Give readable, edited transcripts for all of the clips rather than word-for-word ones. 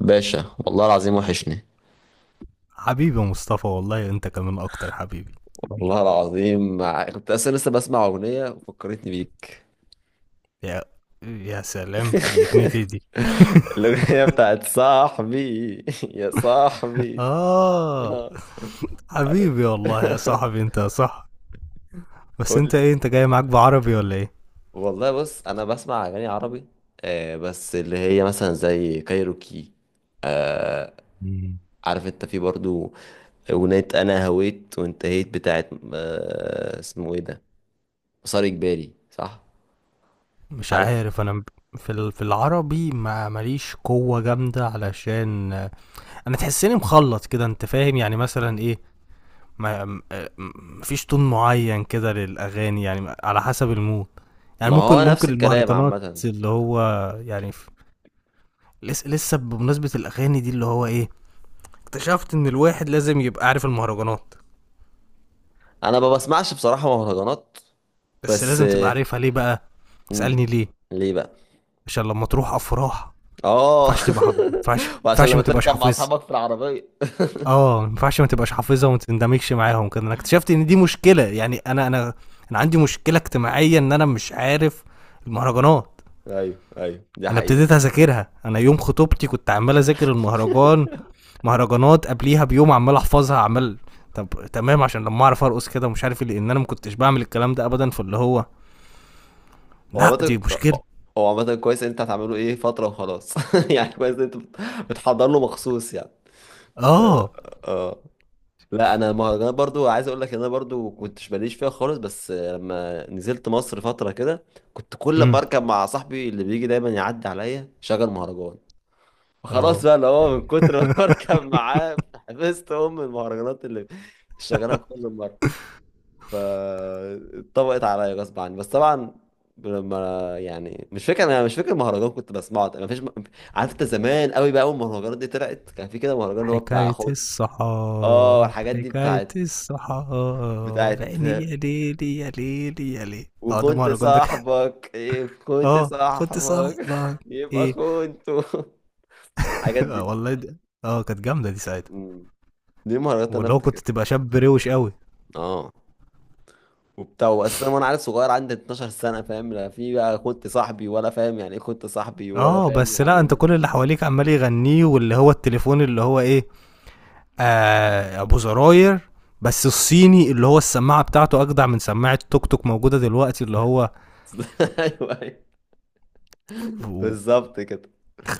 باشا، والله العظيم وحشني. حبيبي يا مصطفى والله انت كمان اكتر حبيبي. والله العظيم كنت اصلا لسه بسمع اغنيه وفكرتني بيك. يا يا سلام، دي اغنيتي دي. الاغنيه بتاعت صاحبي، يا صاحبي. اه، آه، عارف. حبيبي والله يا صاحبي، انت يا صاحبي. بس قول انت لي. ايه، انت جاي معاك بعربي ولا ايه؟ والله بص، انا بسمع اغاني عربي. بس اللي هي مثلا زي كايروكي. آه مم. عارف انت في برضو اغنيه انا هويت وانتهيت بتاعت، اسمه ايه ده، مسار اجباري، صح؟ مش عارف؟ عارف انا. في العربي ما ماليش قوة جامدة، علشان انا تحسني مخلط كده، انت فاهم يعني، مثلا ايه، ما م- آه، م- مفيش تون معين كده للاغاني، يعني على حسب المود. يعني ما ممكن هو نفس ممكن الكلام المهرجانات عامة. اللي هو يعني. لسه بمناسبة الأغاني دي، اللي هو إيه، اكتشفت إن الواحد لازم يبقى عارف المهرجانات. انا ما بسمعش بصراحة مهرجانات بس بس. لازم تبقى عارفها، ليه بقى؟ مم. اسألني ليه. ليه بقى؟ عشان لما تروح أفراح اه. ما ينفعش تبقى حافظ، ما ينفعش ما وعشان ينفعش لما ما تبقاش تركب مع حافظها. اصحابك في العربية. اه، ما ينفعش ما تبقاش حافظها وما تندمجش معاهم كده. انا اكتشفت ان دي مشكله يعني، انا عندي مشكله اجتماعيه ان انا مش عارف المهرجانات. ايوه، ايوه، دي انا حقيقة. ابتديت اذاكرها، انا يوم خطوبتي كنت عمال اذاكر المهرجان، مهرجانات قبليها بيوم، عمال احفظها عمال. طب، تمام، عشان لما اعرف ارقص كده ومش عارف إيه، لان انا ما كنتش بعمل الكلام ده ابدا. فاللي هو هو لا، دي عامة مشكله. هو عامة كويس إن انت هتعمله ايه فترة وخلاص. يعني كويس إن انت بتحضر له مخصوص يعني. اه. اه. آه. لا، انا المهرجانات برضو عايز اقول لك ان انا برضو كنتش ماليش فيها خالص. بس لما نزلت مصر فترة كده كنت كل ما امم. اركب مع صاحبي اللي بيجي دايما يعدي عليا شغل مهرجان. فخلاص اه. بقى، اللي هو من كتر ما بركب معاه حفظت ام المهرجانات اللي شغالها كل مره. فاتطبقت عليا غصب عني. بس طبعا لما، يعني، مش فاكر المهرجان كنت بسمعه ما فيش. عارف انت، زمان قوي بقى، اول ما المهرجانات دي طلعت كان في كده مهرجان اللي هو بتاع حكاية اه، الصحاب، الحاجات دي حكاية بتاعت، الصحاب، بتاعت عيني يا ليلي يا ليلي يا ليلي. اه، ده وكنت مهرجان، ده كان. صاحبك، كنت اه، كنت صاحبك. صاحبك، يبقى ايه. كنت. الحاجات آه دي. والله دي- اه، كانت جامدة دي ساعتها. مم. دي المهرجانات اللي واللي انا هو كنت افتكرها. تبقى شاب روش قوي. اه، وبتاع. بس انا، وانا عيل صغير عندي 12 سنه، فاهم لا في بقى كنت صاحبي، ولا فاهم يعني ايه كنت صاحبي، ولا اه، فاهم بس يعني لا، ايه انت كل اللي مخدرات. حواليك عمال يغنيه، واللي هو التليفون اللي هو ايه، آه، ابو زراير. بس الصيني اللي هو السماعه بتاعته اجدع من سماعه توك توك موجوده دلوقتي، اللي هو ايوه، أيوة. بالظبط كده.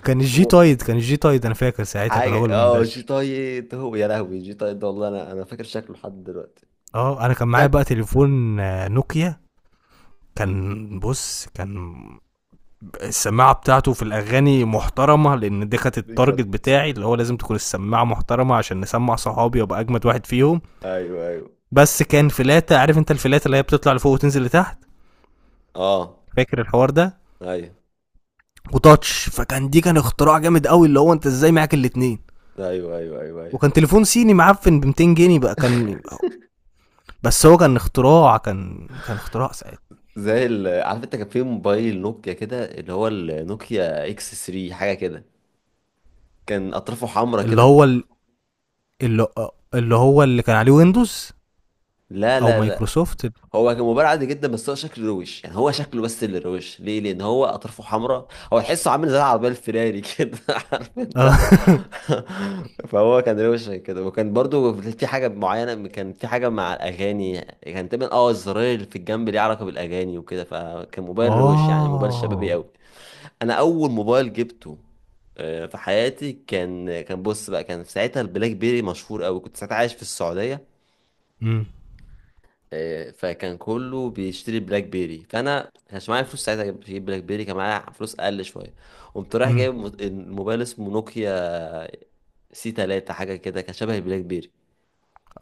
كان الجي هو تايد. كان الجي تايد، انا فاكر ساعتها كان حاجه، هو اللي جي منتشر. طايد. هو يا لهوي جي طايد ده، والله انا فاكر شكله لحد دلوقتي. اه، انا كان معايا شكله. بقى تليفون نوكيا. كان، بص، كان السماعه بتاعته في الاغاني محترمه، لان دي كانت التارجت بيكرس. بتاعي، اللي هو لازم تكون السماعه محترمه عشان نسمع صحابي وابقى اجمد واحد فيهم. ايوه، ايوه. بس كان فلاته، عارف انت الفلاته اللي هي بتطلع لفوق وتنزل لتحت، اه. فاكر الحوار ده، ايوه، وتاتش. فكان دي كان اختراع جامد قوي، اللي هو انت ازاي معاك الاتنين. ايوه، ايوه، ايوه، ايوه. وكان تليفون صيني معفن ب 200 جنيه بقى، كان، بس هو كان اختراع، كان اختراع ساعتها. عارف انت، كان في موبايل نوكيا كده، اللي هو النوكيا اكس 3 حاجه كده، كان اطرافه حمرا اللي كده. هو ال- اللي اللي هو اللي كان عليه ويندوز لا، او لا، لا. مايكروسوفت. هو كان مباراة عادي جدا، بس هو شكله روش يعني، هو شكله، بس اللي روش ليه لان هو اطرافه حمراء. هو تحسه عامل زي العربيه الفيراري كده. عارف انت؟ اه. فهو كان روش كده، وكان برضو في حاجه معينه، كان في حاجه مع الاغاني، كان تقريبا الزراير اللي في الجنب ليه علاقه بالاغاني وكده، فكان موبايل روش، يعني موبايل شبابي اه. قوي. انا اول موبايل جبته في حياتي كان، كان بص بقى كان في ساعتها البلاك بيري مشهور قوي، كنت ساعتها عايش في السعوديه. امم. فكان كله بيشتري بلاك بيري، فانا كانش معايا فلوس ساعتها اجيب بلاك بيري، كان معايا فلوس اقل شويه. قمت رايح امم. جايب الموبايل اسمه نوكيا سي 3 حاجه كده، كان شبه البلاك بيري.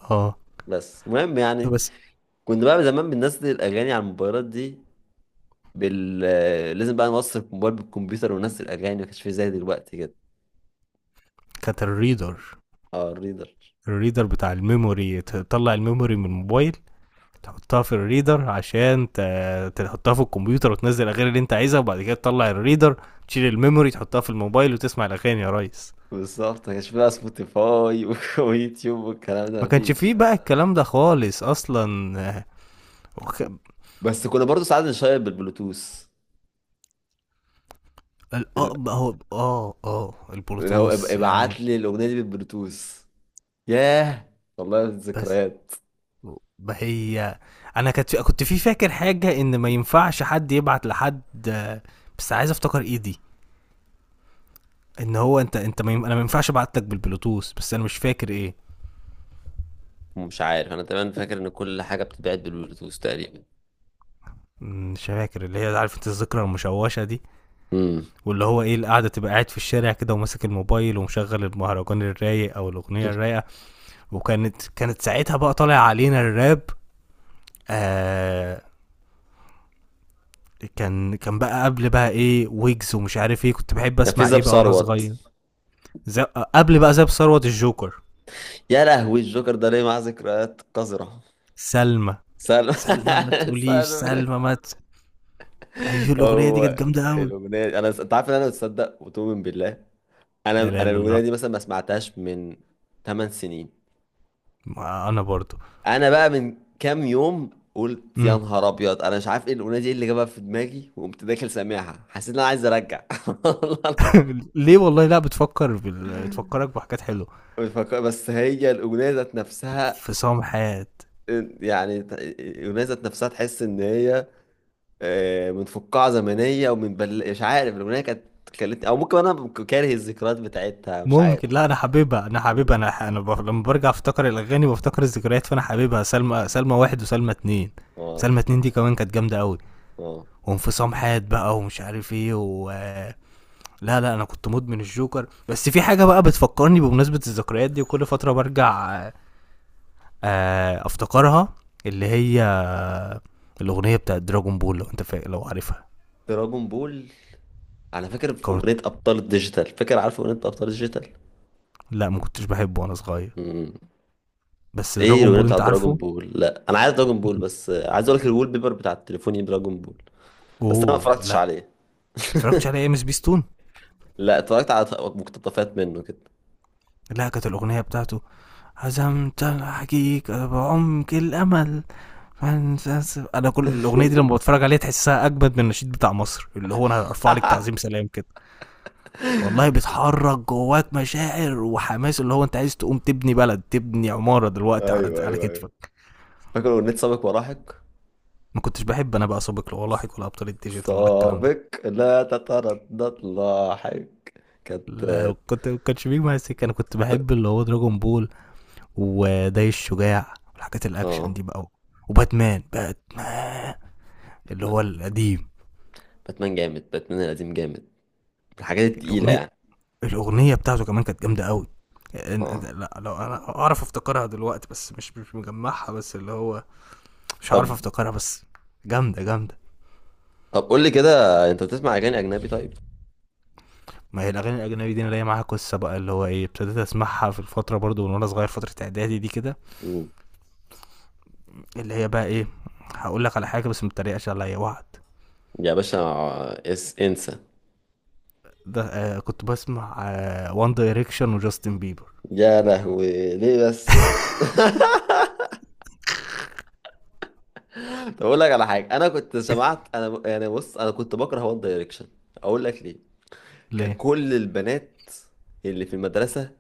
اه. بس المهم يعني بس كنت بقى زمان بننزل الاغاني على الموبايلات دي بال آه، لازم بقى نوصل الموبايل بالكمبيوتر وننزل الاغاني، ما كانش في زي دلوقتي كده. كانت الريدر، اه، الريدر. الريدر بتاع الميموري، تطلع الميموري من الموبايل، تحطها في الريدر عشان تحطها في الكمبيوتر وتنزل الاغاني اللي انت عايزها، وبعد كده تطلع الريدر، تشيل الميموري تحطها في الموبايل وتسمع الاغاني يا ريس. بالظبط ما كانش في بقى سبوتيفاي ويوتيوب والكلام ده ما كانش مفيش. فيه بقى الكلام ده خالص اصلا، وخ- بس كنا برضو ساعات نشير بالبلوتوث، اه بقى، هو اللي هو البلوتوث يعني. ابعت لي الاغنيه دي بالبلوتوث. ياه، والله بس ذكريات. ما هي، انا كنت، كنت في فاكر حاجه ان ما ينفعش حد يبعت لحد، بس عايز افتكر ايه دي. ان هو انت، انت ما يم... انا ما ينفعش ابعت لك بالبلوتوث، بس انا مش فاكر ايه. مش عارف انا، تمام، فاكر ان كل حاجه بتتبعت بالبلوتوث تقريبا. مش فاكر، اللي هي عارف انت الذكرى المشوشة دي. امم. واللي هو ايه، القعدة تبقى قاعد في الشارع كده وماسك الموبايل ومشغل المهرجان الرايق او الاغنية الرايقة. وكانت ساعتها بقى طالع علينا الراب. آه. كان بقى قبل بقى ايه، ويجز ومش عارف ايه، كنت بحب كان في اسمع زاب ايه بقى وانا ثروت. صغير. زي قبل بقى زي ثروت الجوكر. يا لهوي، الجوكر ده ليه معاه ذكريات قذره. سلمى، سالم. سلمى ما تقوليش سالم. سلمى، ما ت... ايوه الاغنية دي كانت هو جامدة قوي. الاغنيه دي- انا، انت عارف ان انا بتصدق وتؤمن بالله، انا لا لا انا لا، الاغنيه الله، دي مثلا ما سمعتهاش من 8 سنين. ما انا برضو. انا بقى من كام يوم قلت يا مم. نهار ابيض، انا مش عارف ايه الاغنيه دي، إيه اللي جابها في دماغي؟ وقمت داخل سامعها، حسيت ان انا عايز ارجع. والله. ليه والله، لا بتفكر بال... بتفكرك بحاجات حلوه. مش فاكر- بس هي الاغنيه ذات نفسها، انفصام حياه. يعني الاغنيه ذات نفسها، تحس ان هي من فقاعه زمنيه ومن مش عارف، الاغنيه كانت خلتني، او ممكن انا كاره الذكريات بتاعتها، مش عارف. ممكن، لا انا حاببها، انا حاببها انا ح... انا ب... لما برجع افتكر الاغاني بفتكر الذكريات، فانا حاببها. سلمى، سلمى واحد وسلمى اتنين. اه. سلمى اتنين دي كمان كانت جامده قوي. اه. وانفصام حياه بقى، ومش عارف ايه. و لا لا، انا كنت مدمن الجوكر. بس في حاجه بقى بتفكرني بمناسبه الذكريات دي، وكل فتره برجع افتكرها، اللي هي الاغنيه بتاعت دراجون بول، لو عارفها. دراجون بول. انا فاكر في كارت... اغنيه ابطال الديجيتال، فاكر، عارف اغنيه ابطال الديجيتال؟ لا، ما كنتش بحبه وانا صغير، بس ايه دراجون الاغنيه بول انت بتاعت دراجون عارفه. بول؟ لا، انا عايز دراجون بول، بس عايز اقول لك الوول بيبر بتاع تليفوني دراجون بول. بس انا ما اوه اتفرجتش لا. عليه. اتفرجتش على ام اس بي ستون. لا، اتفرجت على مقتطفات منه كده. لا، كانت الاغنيه بتاعته هزمت الحقيقه بعمق الامل. انا كل الاغنيه دي لما بتفرج عليها تحسها اجمد من النشيد بتاع مصر، اللي هو انا هرفع لك تعظيم سلام كده. والله بتحرك جواك مشاعر وحماس، اللي هو انت عايز تقوم تبني بلد، تبني عماره دلوقتي على ايوه، على ايوه، ايوه. كتفك. فاكر اغنيه سابق ولاحق؟ ما كنتش بحب انا بقى سابق ولا لاحق ولا ابطال الديجيتال ولا الكلام ده. سابق لا تتردد لاحق. كانت. لا، كنت ما كانش بيجي معايا سكه. انا كنت بحب اللي هو دراجون بول، وداي الشجاع، والحاجات الاكشن اه. دي بقى. وباتمان، باتمان اللي باتمان. هو القديم. باتمان جامد، باتمان القديم جامد، من الحاجات التقيله الاغنيه، يعني. الاغنيه بتاعته كمان كانت جامده قوي. اه. لا، لو انا اعرف افتكرها دلوقتي، بس مش مجمعها. بس اللي هو مش عارف طب افتكرها، بس جامده جامده. طب قول لي كده، انت بتسمع اغاني اجنبي طيب؟ ما هي الاغاني الاجنبي دي انا ليا معاها قصه بقى، اللي هو ايه، ابتديت اسمعها في الفتره برضو من وانا صغير، فتره اعدادي دي كده. مم. اللي هي بقى ايه، هقول لك على حاجه بس ما تتريقش عليا، وعد. يا باشا، اس انسى. ده، آه كنت بسمع وان دايركشن وجاستن بيبر. يا لهوي، ليه بس؟ طب اقول لك على حاجه، انا كنت سمعت انا يعني بص، انا كنت بكره وان دايركشن. اقول لك ليه؟ كان ليه؟ كل البنات اللي في المدرسه،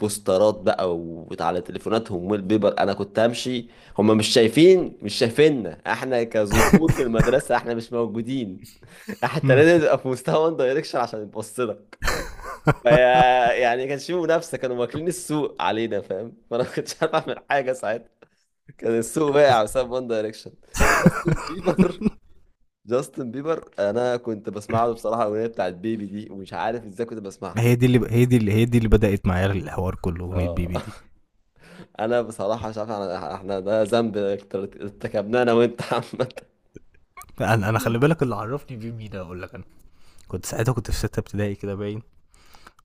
بوسترات بقى وعلى تليفوناتهم والبيبر. انا كنت همشي، هم مش شايفيننا احنا كذكور في المدرسه، احنا مش موجودين. حتى امم. لازم تبقى في مستوى وان دايركشن عشان يبص لك فيا. يعني كانش في منافسه، كانوا واكلين السوق علينا فاهم؟ فانا ما كنتش عارف اعمل حاجه ساعتها. كان السوق واقع بسبب وان دايركشن. جاستن بيبر جاستن بيبر انا كنت بسمع له بصراحه الاغنيه بتاعت بيبي دي، ومش عارف ازاي كنت بسمعها. هي دي اللي هي دي اللي هي دي اللي بدأت معايا الحوار كله، أغنية بيبي اه. دي. انا بصراحه مش عارف، احنا ده ذنب ارتكبناه انا وانت عامه. أنا خلي بالك اللي عرفني بيه مين، أقول لك. أنا كنت ساعتها في ستة ابتدائي كده باين،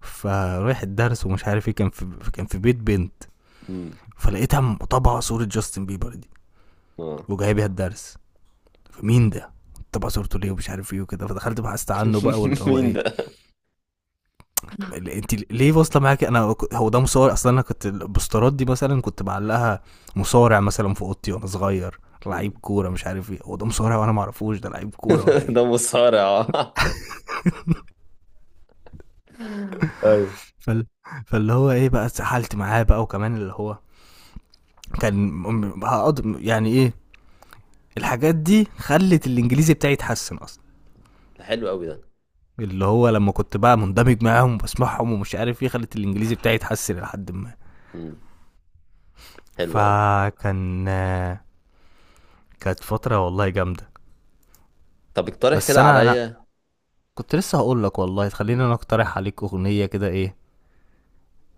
فرايح الدرس ومش عارف إيه، كان في بيت بنت امم. فلقيتها مطبعة صورة جاستن بيبر دي اه. وجايبها الدرس. فمين ده؟ طبعا صورته ليه ومش عارف ايه وكده، فدخلت بحثت عنه بقى، واللي هو مين ايه، ده؟ انت ليه واصله معاك، هو ده مصارع اصلا، انا كنت البوسترات دي مثلا كنت بعلقها، مصارع مثلا في اوضتي وانا صغير، لعيب امم. كوره مش عارف ايه، هو ده مصارع وانا ما اعرفوش ده لعيب كوره ولا ايه. ده مصارع؟ ايوه. فال... فاللي هو ايه بقى، اتسحلت معاه بقى، وكمان اللي هو كان، م- هقض يعني ايه الحاجات دي خلت الانجليزي بتاعي يتحسن اصلا، ده حلو قوي ده. اللي هو لما كنت بقى مندمج معاهم وبسمعهم ومش عارف ايه، خلت الانجليزي بتاعي يتحسن لحد ما، امم. حلو قوي. فكان كانت فتره والله جامده. طب اقترح بس كده انا عليا. كنت لسه هقول لك، والله امم. خليني انا اقترح عليك اغنيه كده، ايه،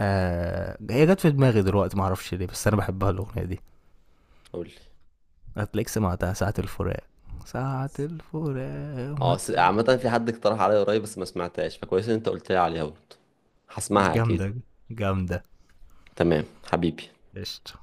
آه، هي جت في دماغي دلوقتي ما اعرفش ليه، بس انا بحبها الاغنيه دي. قول لي. هتلاقيك سمعتها، ساعه الفراق. ساعه الفراق اه. ما تقول. عامه، في حد اقترح عليا قريب بس ما سمعتهاش، فكويس ان انت قلت لي عليها برضه، هسمعها اكيد. جامده جامده. تمام حبيبي. قشطه.